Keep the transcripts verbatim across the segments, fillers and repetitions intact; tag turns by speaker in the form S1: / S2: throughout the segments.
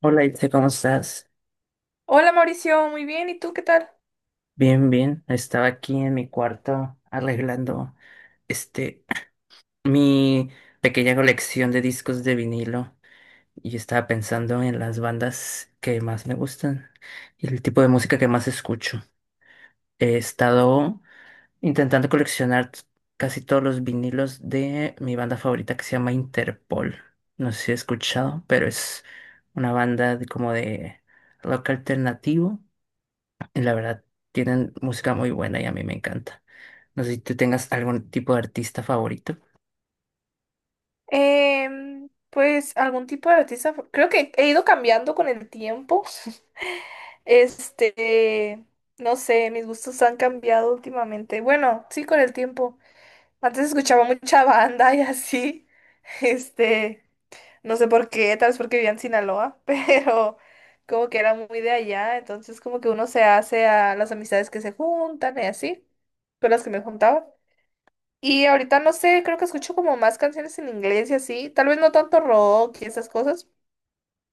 S1: Hola, Itze, ¿cómo estás?
S2: Hola Mauricio, muy bien, ¿y tú qué tal?
S1: Bien, bien. Estaba aquí en mi cuarto arreglando este mi pequeña colección de discos de vinilo y estaba pensando en las bandas que más me gustan y el tipo de música que más escucho. He estado intentando coleccionar t- casi todos los vinilos de mi banda favorita que se llama Interpol. No sé si he escuchado, pero es una banda de- como de rock alternativo. La verdad, tienen música muy buena y a mí me encanta. No sé si tú tengas algún tipo de artista favorito,
S2: Em, pues algún tipo de artista, creo que he ido cambiando con el tiempo. Este, no sé, mis gustos han cambiado últimamente. Bueno, sí, con el tiempo. Antes escuchaba mucha banda y así. Este, no sé por qué, tal vez porque vivía en Sinaloa, pero como que era muy de allá, entonces como que uno se hace a las amistades que se juntan y así, con las que me juntaba. Y ahorita no sé, creo que escucho como más canciones en inglés y así. Tal vez no tanto rock y esas cosas,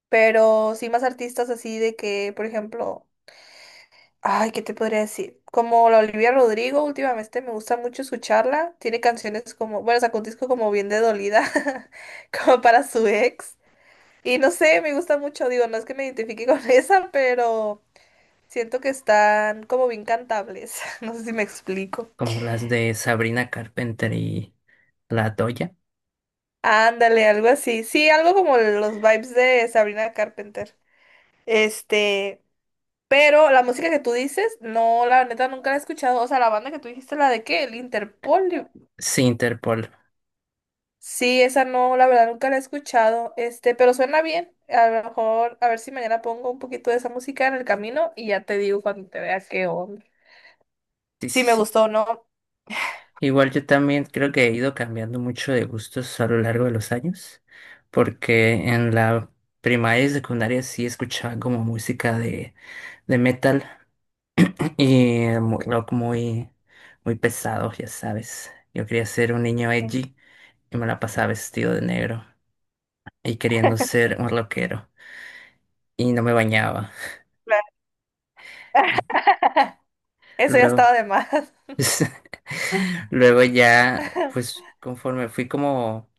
S2: pero sí más artistas así de que, por ejemplo, ay, ¿qué te podría decir? Como la Olivia Rodrigo, últimamente me gusta mucho escucharla. Tiene canciones como, bueno, sacó un disco como bien de dolida, como para su ex. Y no sé, me gusta mucho, digo, no es que me identifique con esa, pero siento que están como bien cantables. No sé si me explico.
S1: como las de Sabrina Carpenter y La Doya.
S2: Ándale, algo así. Sí, algo como los vibes de Sabrina Carpenter. Este, pero la música que tú dices, no, la neta nunca la he escuchado. O sea, la banda que tú dijiste, la de qué, el Interpolio.
S1: Sí, Interpol.
S2: Sí, esa no, la verdad nunca la he escuchado. Este, pero suena bien. A lo mejor, a ver si mañana pongo un poquito de esa música en el camino y ya te digo cuando te vea qué onda.
S1: Sí,
S2: Si
S1: sí,
S2: me
S1: sí.
S2: gustó o no.
S1: Igual yo también creo que he ido cambiando mucho de gustos a lo largo de los años, porque en la primaria y secundaria sí escuchaba como música de, de metal y muy rock, muy, muy pesado, ya sabes. Yo quería ser un niño
S2: Sí,
S1: edgy y me la pasaba vestido de negro, y queriendo ser un rockero y no me bañaba.
S2: claro. Eso ya estaba
S1: Luego,
S2: de más.
S1: luego ya, pues conforme fui como,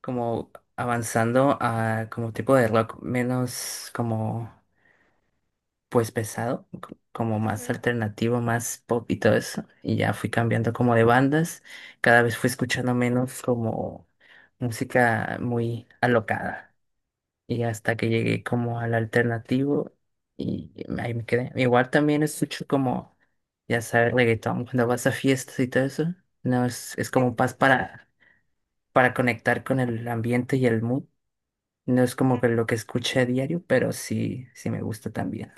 S1: como avanzando a como tipo de rock menos como pues pesado, co- como más
S2: Ujú.
S1: alternativo, más pop y todo eso, y ya fui cambiando como de bandas, cada vez fui escuchando menos como música muy alocada, y hasta que llegué como al alternativo y ahí me quedé. Igual también escucho como, ya sabes, reggaetón cuando vas a fiestas y todo eso. No es, es como
S2: Sí.
S1: paz para, para conectar con el ambiente y el mood. No es como que lo que escuché a diario, pero sí, sí me gusta también.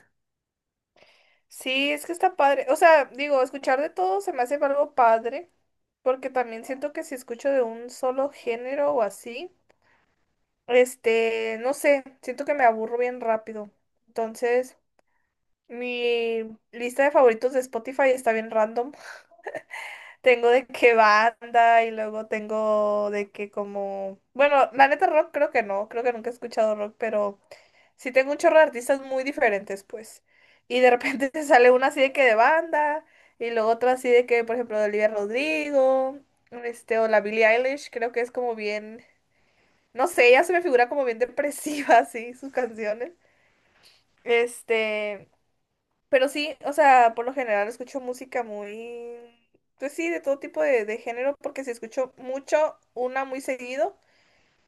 S2: Sí, es que está padre. O sea, digo, escuchar de todo se me hace algo padre, porque también siento que si escucho de un solo género o así, este, no sé, siento que me aburro bien rápido. Entonces, mi lista de favoritos de Spotify está bien random. Tengo de qué banda y luego tengo de que como... Bueno, la neta rock creo que no, creo que nunca he escuchado rock, pero sí tengo un chorro de artistas muy diferentes, pues. Y de repente te sale una así de que de banda y luego otra así de que, por ejemplo, de Olivia Rodrigo, este, o la Billie Eilish, creo que es como bien... No sé, ella se me figura como bien depresiva, así, sus canciones. Este... Pero sí, o sea, por lo general escucho música muy, pues sí, de todo tipo de, de género, porque si escucho mucho, una muy seguido,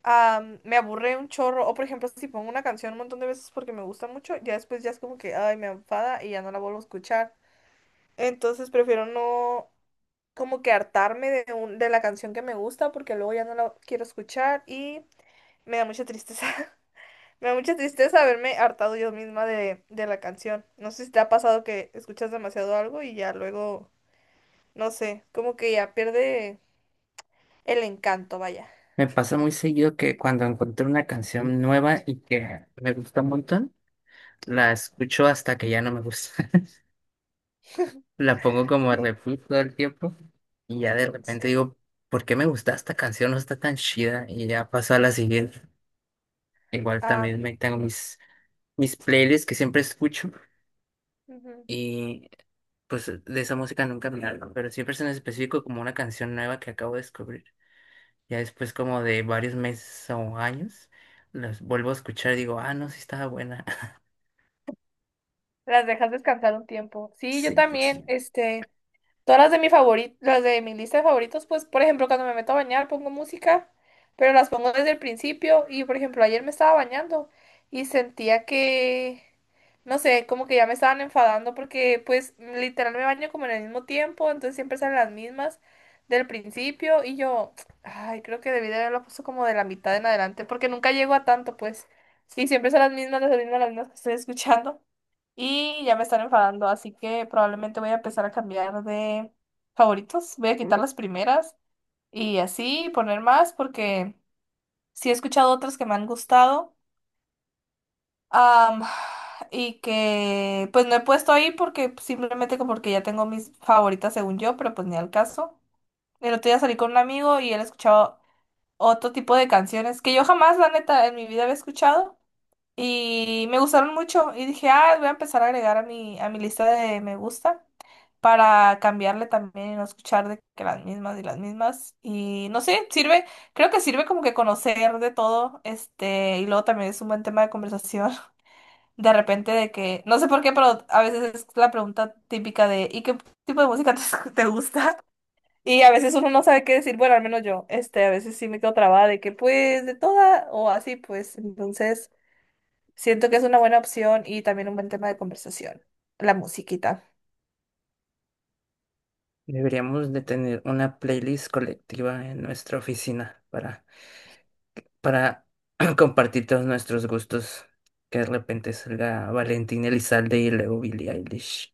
S2: am, me aburre un chorro. O por ejemplo, si pongo una canción un montón de veces porque me gusta mucho, ya después ya es como que, ay, me enfada y ya no la vuelvo a escuchar. Entonces prefiero no como que hartarme de, un- de la canción que me gusta porque luego ya no la quiero escuchar y me da mucha tristeza. Me da mucha tristeza haberme hartado yo misma de, de la canción. No sé si te ha pasado que escuchas demasiado algo y ya luego, no sé, como que ya pierde el encanto, vaya.
S1: Me pasa muy seguido que cuando encuentro una canción nueva y que me gusta un montón, la
S2: Ujú.
S1: escucho hasta que ya no me gusta. La pongo como a repeat todo el tiempo y ya de repente
S2: Sí.
S1: digo, ¿por qué me gusta esta canción? No está tan chida y ya paso a la siguiente. Igual
S2: Ah,
S1: también me tengo mis, mis playlists que siempre escucho
S2: ujú.
S1: y pues de esa música nunca me hablo, pero siempre es en específico como una canción nueva que acabo de descubrir. Ya después como de varios meses o años, las vuelvo a escuchar y digo, ah, no, sí estaba buena.
S2: Las dejas descansar un tiempo. Sí, yo
S1: Sí, pues,
S2: también, este. Todas las de mi favori- las de mi lista de favoritos, pues, por ejemplo, cuando me meto a bañar pongo música, pero las pongo desde el principio. Y por ejemplo, ayer me estaba bañando y sentía que, no sé, como que ya me estaban enfadando porque, pues, literal me baño como en el mismo tiempo, entonces siempre salen las mismas del principio. Y yo, ay, creo que debí de haberlo puesto como de la mitad en adelante, porque nunca llego a tanto, pues. Sí, siempre son las mismas, las mismas, las mismas que estoy escuchando. Y ya me están enfadando, así que probablemente voy a empezar a cambiar de favoritos. Voy a quitar las primeras y así poner más porque sí he escuchado otras que me han gustado. am, y que pues no he puesto ahí porque simplemente como porque ya tengo mis favoritas según yo, pero pues ni al caso. El otro día salí con un amigo y él escuchaba otro tipo de canciones que yo jamás, la neta, en mi vida había escuchado. Y me gustaron mucho y dije, ah, voy a empezar a agregar a mi, a mi lista de me gusta para cambiarle también y no escuchar de que las mismas y las mismas. Y no sé, sirve, creo que sirve como que conocer de todo, este, y luego también es un buen tema de conversación. De repente de que, no sé por qué, pero a veces es la pregunta típica de, ¿y qué tipo de música te, te gusta? Y a veces uno no sabe qué decir, bueno, al menos yo, este, a veces sí me quedo trabada de que pues de toda o así, pues entonces... Siento que es una buena opción y también un buen tema de conversación. La musiquita.
S1: deberíamos de tener una playlist colectiva en nuestra oficina para para compartir todos nuestros gustos. Que de repente salga Valentín Elizalde y luego Billie Eilish.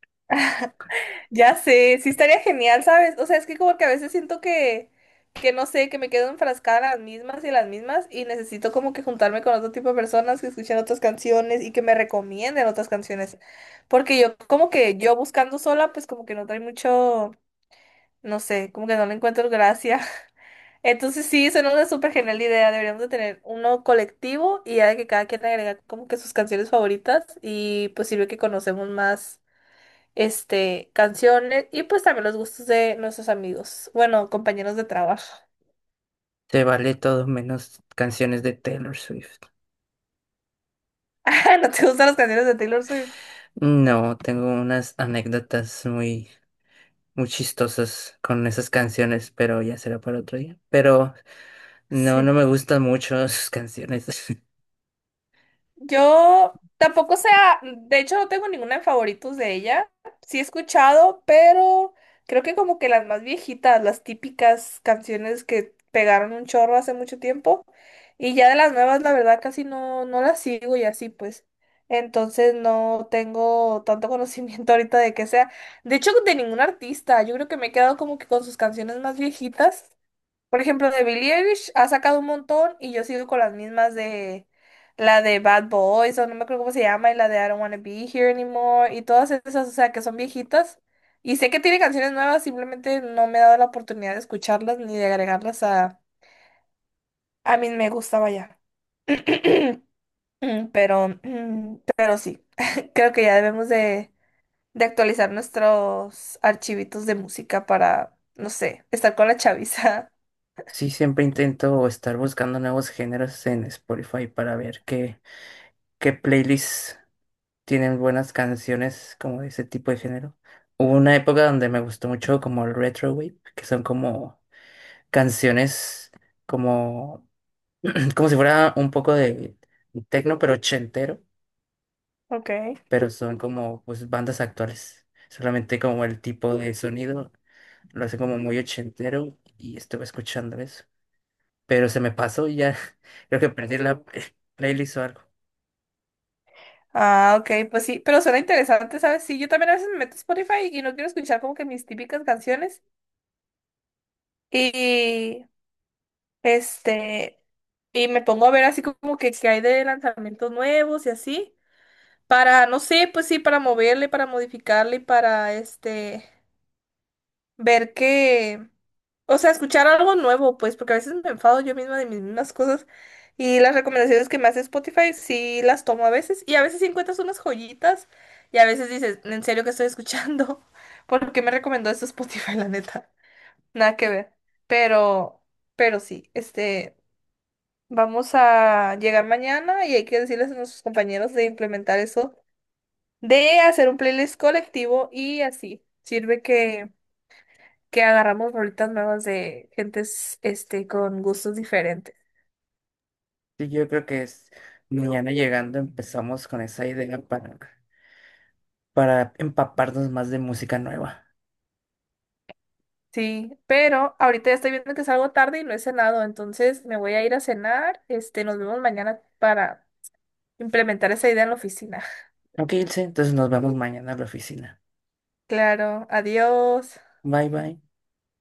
S2: Ya sé, sí estaría genial, ¿sabes? O sea, es que como que a veces siento que, que no sé, que me quedo enfrascada en las mismas y en las mismas y necesito como que juntarme con otro tipo de personas que escuchen otras canciones y que me recomienden otras canciones. Porque yo como que yo buscando sola, pues como que no trae mucho, no sé, como que no le encuentro gracia. Entonces sí, suena una súper genial idea. Deberíamos de tener uno colectivo y ya de que cada quien agrega como que sus canciones favoritas y pues sirve que conocemos más este canciones y pues también los gustos de nuestros amigos, bueno, compañeros de trabajo.
S1: Se vale todo menos canciones de Taylor Swift.
S2: Ah, ¿no te gustan las canciones de Taylor Swift?
S1: No, tengo unas anécdotas muy, muy chistosas con esas canciones, pero ya será para otro día. Pero no,
S2: Sí.
S1: no me gustan mucho sus canciones.
S2: Yo tampoco sea, de hecho no tengo ninguna en favoritos de ella. Sí he escuchado, pero creo que como que las más viejitas, las típicas canciones que pegaron un chorro hace mucho tiempo. Y ya de las nuevas, la verdad, casi no, no las sigo y así pues. Entonces no tengo tanto conocimiento ahorita de que sea. De hecho, de ningún artista. Yo creo que me he quedado como que con sus canciones más viejitas. Por ejemplo, de Billie Eilish ha sacado un montón y yo sigo con las mismas de la de Bad Boys o no me acuerdo cómo se llama y la de I Don't Wanna Be Here Anymore y todas esas, o sea, que son viejitas. Y sé que tiene canciones nuevas, simplemente no me he dado la oportunidad de escucharlas ni de agregarlas a, a mí me gustaba ya. Mm, Pero, mm, pero sí, creo que ya debemos de, de actualizar nuestros archivitos de música para, no sé, estar con la chaviza.
S1: Sí, siempre intento estar buscando nuevos géneros en Spotify para ver qué, qué playlist tienen buenas canciones como de ese tipo de género. Hubo una época donde me gustó mucho como el retro wave, que son como canciones como como si fuera un poco de techno pero ochentero,
S2: Ok.
S1: pero son como pues bandas actuales. Solamente como el tipo de sonido lo hace como muy ochentero y estuve escuchando eso, pero se me pasó y ya creo que perdí la playlist o algo.
S2: Ah, ok, pues sí, pero suena interesante, ¿sabes? Sí, yo también a veces me meto a Spotify y no quiero escuchar como que mis típicas canciones y este, y me pongo a ver así como que, que hay de lanzamientos nuevos y así, para, no sé, pues sí, para moverle, para modificarle, y para este... ver que, o sea, escuchar algo nuevo, pues, porque a veces me enfado yo misma de mis mismas cosas y las recomendaciones que me hace Spotify sí las tomo a veces y a veces sí encuentras unas joyitas y a veces dices, ¿en serio que estoy escuchando? ¿Por qué me recomendó esto Spotify, la neta? Nada que ver. Pero, pero sí, este, vamos a llegar mañana y hay que decirles a nuestros compañeros de implementar eso, de hacer un playlist colectivo y así. Sirve que que agarramos rolitas nuevas de gentes este, con gustos diferentes.
S1: Sí, yo creo que es mañana llegando empezamos con esa idea para para empaparnos más de música nueva.
S2: Sí, pero ahorita ya estoy viendo que salgo tarde y no he cenado, entonces me voy a ir a cenar. Este, nos vemos mañana para implementar esa idea en la oficina.
S1: Ok, Ilse, entonces nos vemos mañana en la oficina.
S2: Claro, adiós.
S1: Bye, bye.